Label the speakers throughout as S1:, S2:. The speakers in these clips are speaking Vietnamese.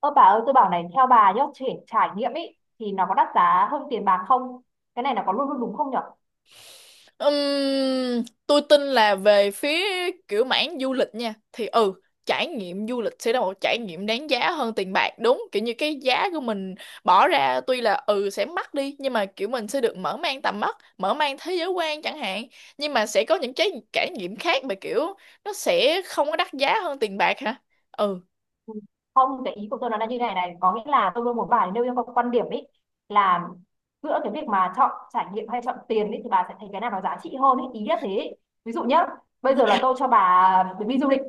S1: Ơ bà ơi, tôi bảo này, theo bà nhá, trải nghiệm ấy thì nó có đắt giá hơn tiền bạc không? Cái này nó có luôn luôn đúng không nhở?
S2: Tôi tin là về phía kiểu mảng du lịch nha thì trải nghiệm du lịch sẽ là một trải nghiệm đáng giá hơn tiền bạc, đúng kiểu như cái giá của mình bỏ ra tuy là sẽ mắc đi, nhưng mà kiểu mình sẽ được mở mang tầm mắt, mở mang thế giới quan chẳng hạn. Nhưng mà sẽ có những cái trải nghiệm khác mà kiểu nó sẽ không có đắt giá hơn tiền bạc hả? ừ
S1: Không, cái ý của tôi nó là như này này, có nghĩa là tôi luôn muốn bài nêu yêu cầu quan điểm ấy, là giữa cái việc mà chọn trải nghiệm hay chọn tiền ấy thì bà sẽ thấy cái nào nó giá trị hơn ấy, ý nhất thế ấy. Ví dụ nhá, bây giờ là tôi cho bà chuyến đi du lịch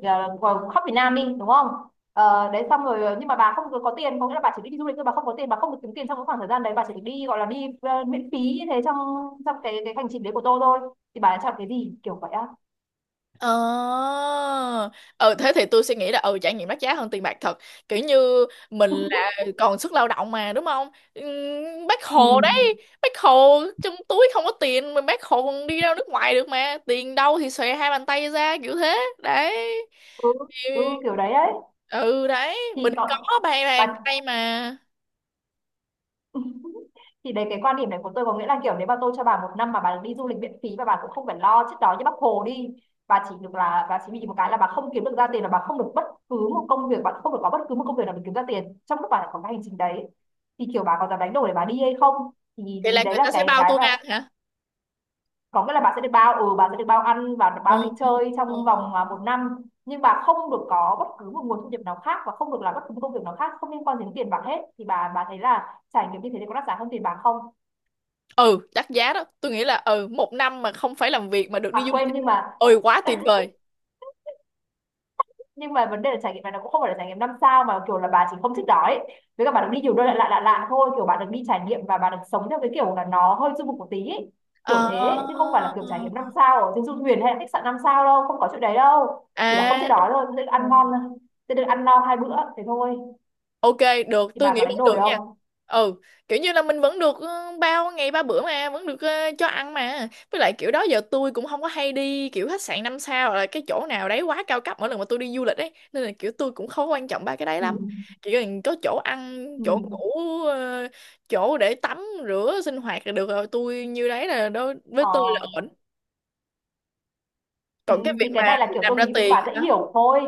S1: khắp Việt Nam đi, đúng không? Đấy, xong rồi nhưng mà bà không có tiền, có nghĩa là bà chỉ đi du lịch thôi, bà không có tiền, bà không được kiếm tiền trong cái khoảng thời gian đấy, bà chỉ được đi gọi là đi miễn phí như thế trong trong cái hành trình đấy của tôi thôi, thì bà đã chọn cái gì kiểu vậy á?
S2: Ờ Thế thì tôi suy nghĩ là trải nghiệm đắt giá hơn tiền bạc thật. Kiểu như mình là còn sức lao động mà, đúng không? Bác
S1: Ừ.
S2: Hồ đấy, bác Hồ trong túi không có tiền mà bác Hồ còn đi ra nước ngoài được mà, tiền đâu thì xòe hai bàn tay ra kiểu thế đấy.
S1: Ừ. Ừ,
S2: Ừ,
S1: kiểu đấy ấy.
S2: ừ, đấy
S1: Thì
S2: mình có
S1: còn
S2: ba
S1: bà,
S2: bàn tay mà.
S1: thì đấy, cái quan điểm này của tôi có nghĩa là kiểu nếu mà tôi cho bà một năm mà bà được đi du lịch miễn phí và bà cũng không phải lo chết đói như bác Hồ đi, bà chỉ được là bà chỉ bị một cái là bà không kiếm được ra tiền, là bà không được bất cứ một công việc, bà không được có bất cứ một công việc nào để kiếm ra tiền trong lúc bà lại có cái hành trình đấy, thì kiểu bà có dám đánh đổi để bà đi hay không, thì
S2: Vậy
S1: thì
S2: là
S1: đấy
S2: người
S1: là
S2: ta sẽ
S1: cái
S2: bao
S1: cái
S2: tôi
S1: và
S2: ăn hả?
S1: có nghĩa là bà sẽ được bao, ừ, bà sẽ được bao ăn và được bao đi
S2: Ồ.
S1: chơi trong vòng một năm. Nhưng bà không được có bất cứ một nguồn thu nhập nào khác và không được làm bất cứ một công việc nào khác không liên quan đến tiền bạc hết, thì bà thấy là trải nghiệm như thế thì có đắt giá hơn tiền bạc không?
S2: ừ Đắt giá đó, tôi nghĩ là một năm mà không phải làm việc mà được đi
S1: À
S2: du
S1: quên,
S2: lịch,
S1: nhưng mà
S2: ôi quá tuyệt vời.
S1: nhưng mà vấn đề là trải nghiệm này nó cũng không phải là trải nghiệm năm sao, mà kiểu là bà chỉ không thích đó ấy, với cả bà được đi nhiều nơi lạ lạ lạ lạ thôi, kiểu bà được đi trải nghiệm và bà được sống theo cái kiểu là nó hơi du mục một tí ấy. Kiểu
S2: Ờ.
S1: thế ấy. Chứ không phải là kiểu trải nghiệm năm sao ở trên du thuyền hay là khách sạn năm sao đâu, không có chuyện đấy đâu, chỉ là không
S2: À,
S1: chịu đói thôi, sẽ được ăn ngon thôi, sẽ được ăn no hai bữa thế thôi,
S2: ok, được,
S1: thì
S2: tôi
S1: bà
S2: nghĩ
S1: có
S2: vẫn
S1: đánh đổi
S2: được nha.
S1: không?
S2: Ừ, kiểu như là mình vẫn được, bao ngày ba bữa mà, vẫn được, cho ăn mà. Với lại kiểu đó giờ tôi cũng không có hay đi kiểu khách sạn năm sao hoặc là cái chỗ nào đấy quá cao cấp mỗi lần mà tôi đi du lịch ấy, nên là kiểu tôi cũng không quan trọng ba cái đấy
S1: Ừ.
S2: lắm. Chỉ cần có chỗ ăn,
S1: Ừ.
S2: chỗ ngủ, ờ, chỗ để tắm, rửa, sinh hoạt là được rồi. Tôi như đấy, là đối với
S1: Ờ.
S2: tôi là ổn.
S1: Ừ.
S2: Còn cái
S1: Thì
S2: việc
S1: cái
S2: mà
S1: này là kiểu
S2: làm
S1: tôi
S2: ra
S1: ví dụ cho
S2: tiền
S1: bà dễ hiểu thôi.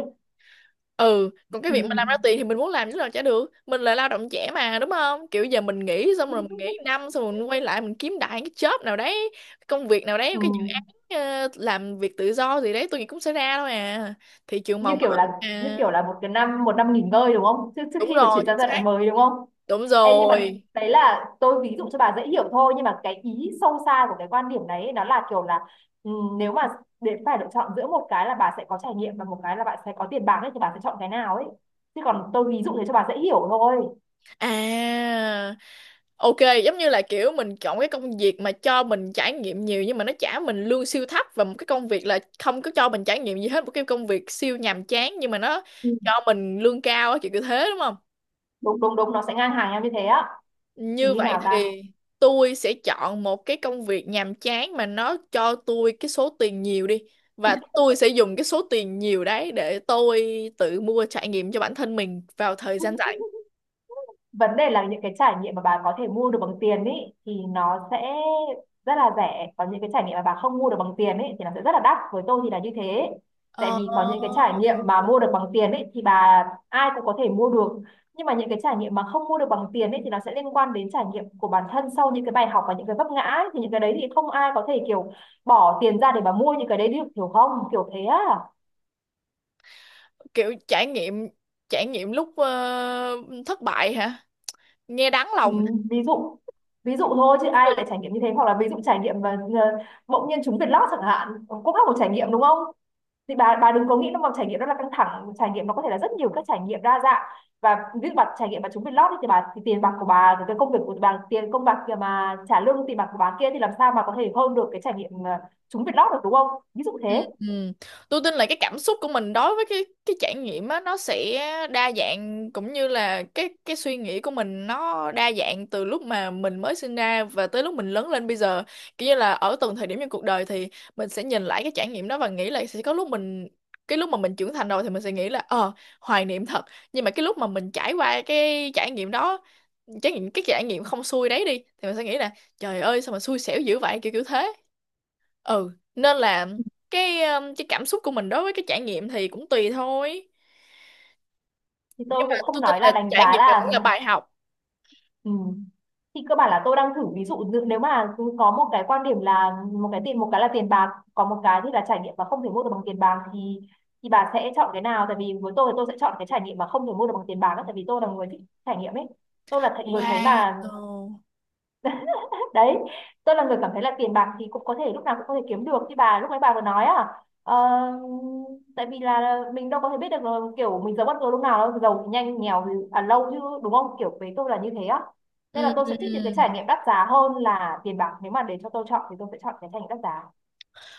S2: ừ Còn cái
S1: Ừ.
S2: việc mà làm ra tiền thì mình muốn làm chứ làm chả được, mình là lao động trẻ mà, đúng không? Kiểu giờ mình nghỉ xong rồi, mình nghỉ năm xong rồi mình quay lại mình kiếm đại cái job nào đấy, công việc nào đấy,
S1: Ừ.
S2: cái dự án, làm việc tự do gì đấy, tôi nghĩ cũng sẽ ra thôi à, thị trường
S1: như
S2: màu mỡ
S1: kiểu là như
S2: à
S1: kiểu là một cái năm, một năm nghỉ ngơi đúng không, trước trước
S2: đúng
S1: khi mà
S2: rồi
S1: chuyển
S2: chính
S1: sang giai
S2: xác
S1: đoạn mới đúng không?
S2: đúng
S1: Ê, nhưng mà
S2: rồi
S1: đấy là tôi ví dụ cho bà dễ hiểu thôi, nhưng mà cái ý sâu xa của cái quan điểm đấy ấy, nó là kiểu là, ừ, nếu mà để phải lựa chọn giữa một cái là bà sẽ có trải nghiệm và một cái là bạn sẽ có tiền bạc ấy thì bà sẽ chọn cái nào ấy, chứ còn tôi ví dụ thế cho bà dễ hiểu thôi.
S2: à. Ok, giống như là kiểu mình chọn cái công việc mà cho mình trải nghiệm nhiều nhưng mà nó trả mình lương siêu thấp, và một cái công việc là không có cho mình trải nghiệm gì hết, một cái công việc siêu nhàm chán nhưng mà nó
S1: Ừ.
S2: cho mình lương cao á, kiểu kiểu thế đúng không?
S1: Đúng đúng đúng, nó sẽ ngang hàng nhau như thế á. Thì
S2: Như
S1: như
S2: vậy
S1: nào ta?
S2: thì tôi sẽ chọn một cái công việc nhàm chán mà nó cho tôi cái số tiền nhiều đi, và tôi sẽ dùng cái số tiền nhiều đấy để tôi tự mua trải nghiệm cho bản thân mình vào thời gian rảnh.
S1: Vấn đề là những cái trải nghiệm mà bà có thể mua được bằng tiền ý thì nó sẽ rất là rẻ, còn những cái trải nghiệm mà bà không mua được bằng tiền ý thì nó sẽ rất là đắt, với tôi thì là như thế. Tại
S2: Ờ.
S1: vì có những cái trải nghiệm mà mua được bằng tiền ý thì bà ai cũng có thể mua được, nhưng mà những cái trải nghiệm mà không mua được bằng tiền ý thì nó sẽ liên quan đến trải nghiệm của bản thân sau những cái bài học và những cái vấp ngã ý. Thì những cái đấy thì không ai có thể kiểu bỏ tiền ra để mà mua những cái đấy được, hiểu không, kiểu thế á.
S2: Kiểu trải nghiệm, lúc thất bại hả? Nghe đáng
S1: Ừ,
S2: lòng.
S1: ví dụ ví dụ thôi chứ ai lại trải nghiệm như thế, hoặc là ví dụ trải nghiệm và bỗng nhiên trúng Việt Lót chẳng hạn, cũng là một trải nghiệm đúng không? Thì bà đừng có nghĩ nó mà trải nghiệm đó là căng thẳng, trải nghiệm nó có thể là rất nhiều các trải nghiệm đa dạng. Và ví dụ bà trải nghiệm bà trúng Việt Lót thì bà, thì tiền bạc của bà rồi cái công việc của bà, tiền công bạc kia mà trả lương tiền bạc của bà kia thì làm sao mà có thể hơn được cái trải nghiệm trúng Việt Lót được đúng không, ví dụ thế.
S2: Ừ. Tôi tin là cái cảm xúc của mình đối với cái trải nghiệm á, nó sẽ đa dạng cũng như là cái suy nghĩ của mình nó đa dạng từ lúc mà mình mới sinh ra và tới lúc mình lớn lên bây giờ, kiểu như là ở từng thời điểm trong cuộc đời thì mình sẽ nhìn lại cái trải nghiệm đó và nghĩ là sẽ có lúc mình cái lúc mà mình trưởng thành rồi thì mình sẽ nghĩ là hoài niệm thật. Nhưng mà cái lúc mà mình trải qua cái trải nghiệm đó, trải nghiệm cái trải nghiệm không xui đấy đi thì mình sẽ nghĩ là trời ơi sao mà xui xẻo dữ vậy, kiểu kiểu thế. Nên là cái cảm xúc của mình đối với cái trải nghiệm thì cũng tùy thôi.
S1: Thì
S2: Nhưng
S1: tôi cũng
S2: mà
S1: không
S2: tôi tin
S1: nói
S2: là
S1: là đánh
S2: trải
S1: giá
S2: nghiệm này cũng
S1: là.
S2: là bài học.
S1: Ừ. Thì cơ bản là tôi đang thử ví dụ như nếu mà cứ có một cái quan điểm là một cái tiền, một cái là tiền bạc còn một cái thì là trải nghiệm và không thể mua được bằng tiền bạc thì bà sẽ chọn cái nào, tại vì với tôi thì tôi sẽ chọn cái trải nghiệm mà không thể mua được bằng tiền bạc á, tại vì tôi là người thích trải nghiệm ấy, tôi là người thấy
S2: Wow.
S1: mà, đấy, tôi là người cảm thấy là tiền bạc thì cũng có thể lúc nào cũng có thể kiếm được như bà lúc nãy bà vừa nói à. Ờ, tại vì là mình đâu có thể biết được là kiểu mình giàu bất ngờ lúc nào đâu, giàu thì nhanh nghèo thì lâu chứ, đúng không, kiểu với tôi là như thế á. Nên là tôi sẽ thích những cái
S2: Ừm.
S1: trải nghiệm đắt giá hơn là tiền bạc, nếu mà để cho tôi chọn thì tôi sẽ chọn cái trải nghiệm đắt giá.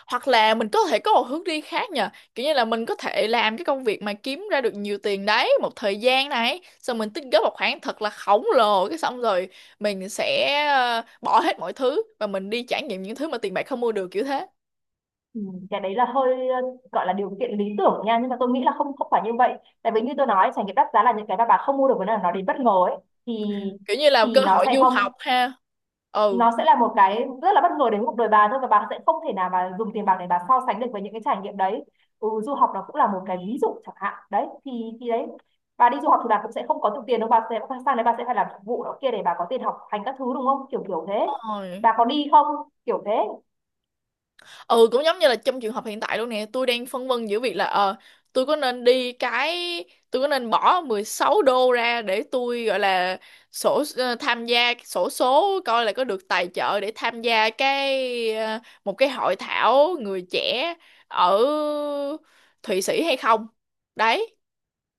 S2: Hoặc là mình có thể có một hướng đi khác nhờ. Kiểu như là mình có thể làm cái công việc mà kiếm ra được nhiều tiền đấy một thời gian này, xong mình tích góp một khoản thật là khổng lồ, cái xong rồi mình sẽ, bỏ hết mọi thứ và mình đi trải nghiệm những thứ mà tiền bạc không mua được, kiểu thế.
S1: Ừ, cái đấy là hơi gọi là điều kiện lý tưởng nha, nhưng mà tôi nghĩ là không, không phải như vậy. Tại vì như tôi nói trải nghiệm đắt giá là những cái mà bà không mua được, với là nó đến bất ngờ ấy, thì
S2: Kiểu như là cơ
S1: thì nó
S2: hội
S1: sẽ
S2: du
S1: không
S2: học ha. Ừ.
S1: nó sẽ là một cái rất là bất ngờ đến cuộc đời bà thôi, và bà sẽ không thể nào mà dùng tiền bạc để bà so sánh được với những cái trải nghiệm đấy. Ừ, du học nó cũng là một cái ví dụ chẳng hạn đấy, thì đấy, bà đi du học thì bà cũng sẽ không có được tiền đâu, bà sẽ sang đấy bà sẽ phải làm phục vụ đó kia để bà có tiền học hành các thứ đúng không, kiểu kiểu thế,
S2: Đúng rồi.
S1: bà có đi không, kiểu thế.
S2: Ừ Cũng giống như là trong trường hợp hiện tại luôn nè, tôi đang phân vân giữa việc là tôi có nên đi cái tôi có nên bỏ 16 đô ra để tôi gọi là tham gia sổ số coi là có được tài trợ để tham gia một cái hội thảo người trẻ ở Thụy Sĩ hay không đấy,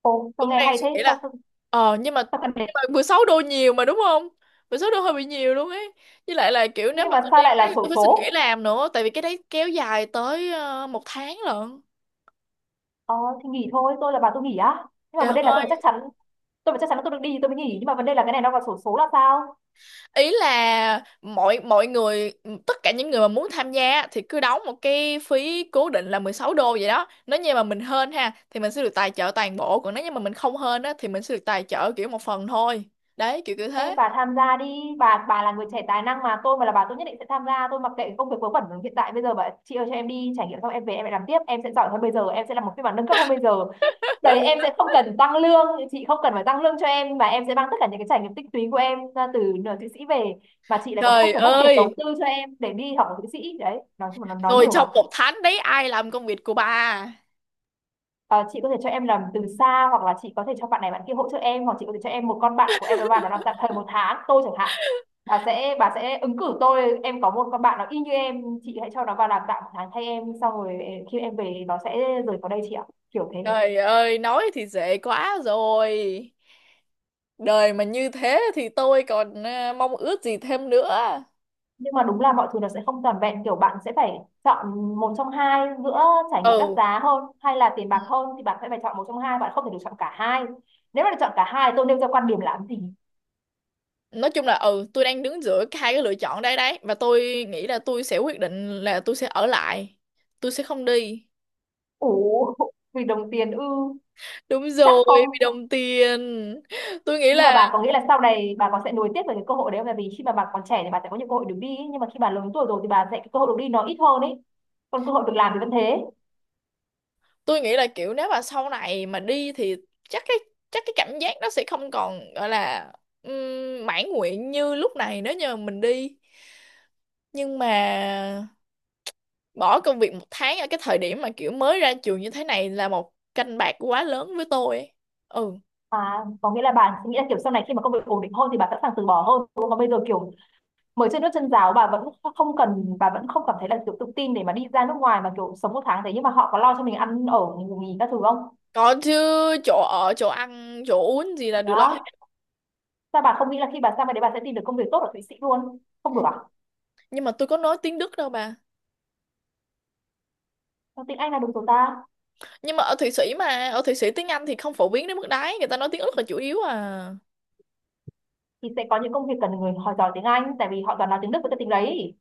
S1: Ồ sao
S2: cũng
S1: nghe
S2: đang
S1: hay
S2: suy
S1: thế,
S2: nghĩ
S1: sao
S2: là.
S1: sao,
S2: Ờ nhưng mà
S1: sao cần đến,
S2: nhưng mà 16 đô nhiều mà, đúng không? 16 đô hơi bị nhiều luôn ấy. Với lại là kiểu nếu
S1: nhưng
S2: mà
S1: mà
S2: tôi đi
S1: sao lại
S2: cái
S1: là
S2: đấy
S1: xổ
S2: tôi phải xin nghỉ
S1: số?
S2: làm nữa, tại vì cái đấy kéo dài tới, một tháng lận.
S1: ờ thì nghỉ thôi, tôi là bà tôi nghỉ á, nhưng mà vấn
S2: Trời
S1: đề là tôi phải chắc
S2: ơi,
S1: chắn, tôi phải chắc chắn là tôi được đi thì tôi mới nghỉ, nhưng mà vấn đề là cái này nó vào xổ số là sao?
S2: ý là mọi mọi người tất cả những người mà muốn tham gia thì cứ đóng một cái phí cố định là 16 đô vậy đó. Nếu như mà mình hên ha thì mình sẽ được tài trợ toàn bộ, còn nếu như mà mình không hên á thì mình sẽ được tài trợ kiểu một phần thôi. Đấy, kiểu kiểu
S1: Ê,
S2: thế.
S1: bà tham gia đi, bà là người trẻ tài năng mà, tôi mà là bà tôi nhất định sẽ tham gia, tôi mặc kệ công việc vớ vẩn hiện tại bây giờ. Bà chị ơi, cho em đi trải nghiệm xong em về em lại làm tiếp, em sẽ giỏi hơn bây giờ, em sẽ làm một phiên bản nâng cấp hơn bây giờ, đấy, em sẽ không cần tăng lương, chị không cần phải tăng lương cho em mà em sẽ mang tất cả những cái trải nghiệm tích lũy của em ra từ nửa Thụy Sĩ về, mà chị lại còn không
S2: Trời
S1: phải mất tiền đầu
S2: ơi,
S1: tư cho em để đi học ở Thụy Sĩ, đấy, nói chung là nó nói
S2: rồi
S1: nhiều bà.
S2: trong một tháng đấy ai làm công việc của bà?
S1: Ờ, chị có thể cho em làm từ xa hoặc là chị có thể cho bạn này bạn kia hỗ trợ em, hoặc chị có thể cho em một con bạn của em nó vào nó làm tạm thời một tháng, tôi chẳng hạn bà sẽ ứng cử tôi, em có một con bạn nó y như em, chị hãy cho nó vào làm tạm một tháng thay em, xong rồi khi em về nó sẽ rời khỏi đây chị ạ, kiểu thế.
S2: Trời ơi, nói thì dễ quá rồi. Đời mà như thế thì tôi còn, mong ước gì thêm nữa.
S1: Nhưng mà đúng là mọi thứ nó sẽ không toàn vẹn, kiểu bạn sẽ phải chọn một trong hai, giữa trải nghiệm đắt
S2: Ừ,
S1: giá hơn hay là tiền bạc hơn thì bạn sẽ phải chọn một trong hai, bạn không Thể được chọn cả hai. Nếu mà được chọn cả hai tôi nêu ra quan điểm làm gì?
S2: nói chung là, tôi đang đứng giữa hai cái lựa chọn đây đấy, và tôi nghĩ là tôi sẽ quyết định là tôi sẽ ở lại. Tôi sẽ không đi.
S1: Ủ, vì đồng tiền ư?
S2: Đúng
S1: Chắc
S2: rồi,
S1: không?
S2: vì đồng tiền. Tôi nghĩ
S1: Nhưng mà
S2: là
S1: bà có nghĩ là sau này bà còn sẽ nối tiếp về cái cơ hội đấy không? Tại vì khi mà bà còn trẻ thì bà sẽ có nhiều cơ hội được đi ấy. Nhưng mà khi bà lớn tuổi rồi thì bà sẽ cái cơ hội được đi nó ít hơn ấy, còn cơ hội được làm thì vẫn thế.
S2: tôi nghĩ là kiểu nếu mà sau này mà đi thì chắc cái chắc cái cảm giác nó sẽ không còn gọi là, mãn nguyện như lúc này nếu như mình đi. Nhưng mà bỏ công việc một tháng ở cái thời điểm mà kiểu mới ra trường như thế này là một canh bạc quá lớn với tôi ấy. Ừ,
S1: À, có nghĩa là bà nghĩ là kiểu sau này khi mà công việc ổn định hơn thì bà sẵn sàng từ bỏ hơn đúng không? Còn bây giờ kiểu mới chân nước chân giáo bà vẫn không cần, bà vẫn không cảm thấy là kiểu tự tin để mà đi ra nước ngoài mà kiểu sống một tháng thế. Nhưng mà họ có lo cho mình ăn ở ngủ nghỉ các thứ không?
S2: còn chứ, chỗ ở chỗ ăn chỗ uống gì là được lo
S1: Đó,
S2: hết.
S1: sao bà không nghĩ là khi bà sang bên đấy bà sẽ tìm được công việc tốt ở Thụy Sĩ luôn? Không được à?
S2: Nhưng mà tôi có nói tiếng Đức đâu bà.
S1: Tiếng Anh là đúng rồi ta,
S2: Nhưng mà ở Thụy Sĩ tiếng Anh thì không phổ biến đến mức đấy, người ta nói tiếng Đức là chủ yếu à.
S1: thì sẽ có những công việc cần người họ giỏi tiếng Anh tại vì họ toàn nói tiếng Đức với cái tiếng đấy.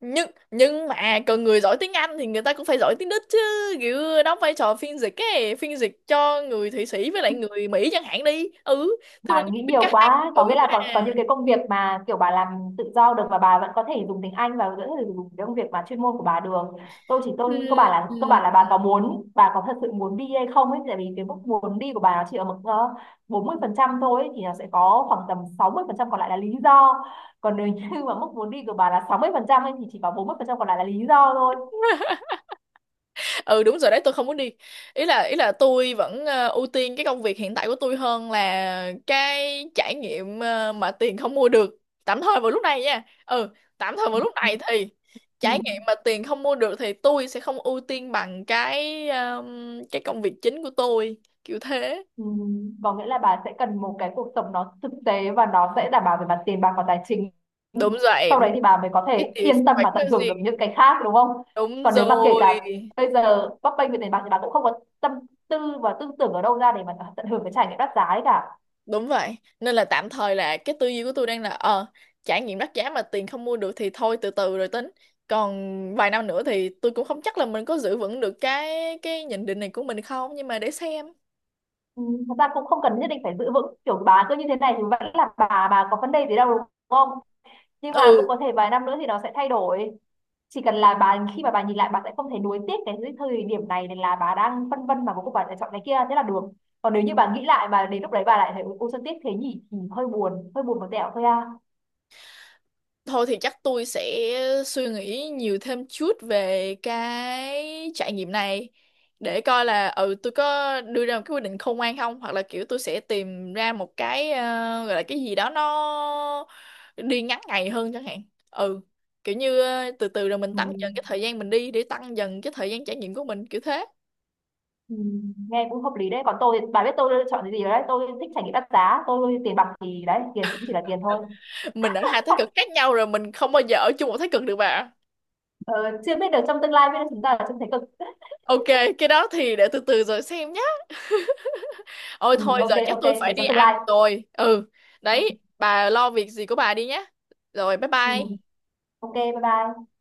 S2: Nhưng mà cần người giỏi tiếng Anh thì người ta cũng phải giỏi tiếng Đức chứ. Kiểu đóng vai trò phiên dịch ấy, phiên dịch cho người Thụy Sĩ với lại người Mỹ chẳng hạn đi. Ừ thì
S1: Bà
S2: mình
S1: nghĩ
S2: biết
S1: nhiều
S2: cả hai
S1: quá, có nghĩa
S2: ngữ
S1: là
S2: mà.
S1: có những cái công việc mà kiểu bà làm tự do được và bà vẫn có thể dùng tiếng Anh và vẫn có thể dùng cái công việc mà chuyên môn của bà được. tôi chỉ tôi có
S2: Ừ.
S1: bà là cơ
S2: Ừ.
S1: bản là bà có muốn, bà có thật sự muốn đi hay không ấy, tại vì cái mức muốn đi của bà nó chỉ ở mức 40 phần trăm thôi ấy, thì nó sẽ có khoảng tầm 60 phần trăm còn lại là lý do. Còn nếu như mà mức muốn đi của bà là 60 phần trăm ấy, thì chỉ có 40 phần trăm còn lại là lý do thôi.
S2: Ừ, đúng rồi đấy, tôi không muốn đi. Ý là tôi vẫn, ưu tiên cái công việc hiện tại của tôi hơn là cái trải nghiệm, mà tiền không mua được tạm thời vào lúc này nha tạm thời vào lúc này thì
S1: Ừ.
S2: trải nghiệm mà tiền không mua được thì tôi sẽ không ưu tiên bằng cái công việc chính của tôi, kiểu thế.
S1: Ừ, có nghĩa là bà sẽ cần một cái cuộc sống nó thực tế và nó sẽ đảm bảo về mặt tiền bạc và tài chính,
S2: Đúng rồi.
S1: sau đấy thì bà mới có
S2: Cái
S1: thể
S2: tiền
S1: yên tâm
S2: phải
S1: và
S2: có
S1: tận
S2: gì.
S1: hưởng được những cái khác đúng không?
S2: Đúng
S1: Còn nếu mà kể
S2: rồi.
S1: cả bây giờ bấp bênh về tiền bạc thì bà cũng không có tâm tư và tư tưởng ở đâu ra để mà tận hưởng cái trải nghiệm đắt giá ấy cả.
S2: Đúng vậy, nên là tạm thời là cái tư duy của tôi đang là, trải nghiệm đắt giá mà tiền không mua được thì thôi, từ từ rồi tính. Còn vài năm nữa thì tôi cũng không chắc là mình có giữ vững được cái nhận định này của mình không, nhưng mà để xem.
S1: Ừ, thật ra cũng không cần nhất định phải giữ vững, kiểu bà cứ như thế này thì vẫn là bà có vấn đề gì đâu đúng không? Nhưng
S2: Ừ.
S1: mà cũng có thể vài năm nữa thì nó sẽ thay đổi. Chỉ cần là bà khi mà bà nhìn lại bà sẽ không thấy nuối tiếc cái thời điểm này, nên là bà đang phân vân mà cuối cùng bà lại chọn cái kia thế là được. Còn nếu như bà nghĩ lại mà đến lúc đấy bà lại thấy ôi sao tiếc thế nhỉ thì hơi buồn, hơi buồn một tẹo thôi à.
S2: Thôi thì chắc tôi sẽ suy nghĩ nhiều thêm chút về cái trải nghiệm này, để coi là tôi có đưa ra một cái quyết định khôn ngoan không, hoặc là kiểu tôi sẽ tìm ra một gọi là cái gì đó nó đi ngắn ngày hơn chẳng hạn. Ừ, kiểu như, từ từ rồi mình
S1: Ừ.
S2: tăng dần cái thời gian mình đi để tăng dần cái thời gian trải nghiệm của mình, kiểu thế.
S1: Ừ. Nghe cũng hợp lý đấy. Còn tôi thì bà biết tôi chọn cái gì rồi đấy, tôi thích trải nghiệm đắt giá, tôi tiền bạc thì đấy, tiền thì cũng chỉ là tiền thôi.
S2: Mình ở hai thái cực khác nhau rồi, mình không bao giờ ở chung một thái cực được bà.
S1: ờ, Chưa biết được trong tương lai biết đâu chúng ta là trông thấy cực.
S2: Ok, cái đó thì để từ từ rồi xem nhé. Ôi
S1: Ừ,
S2: thôi
S1: ok
S2: giờ chắc
S1: ok
S2: tôi phải
S1: để
S2: đi
S1: trong tương
S2: ăn
S1: lai.
S2: rồi. Ừ,
S1: Ừ,
S2: đấy, bà lo việc gì của bà đi nhé. Rồi bye
S1: ừ.
S2: bye.
S1: Ok bye bye.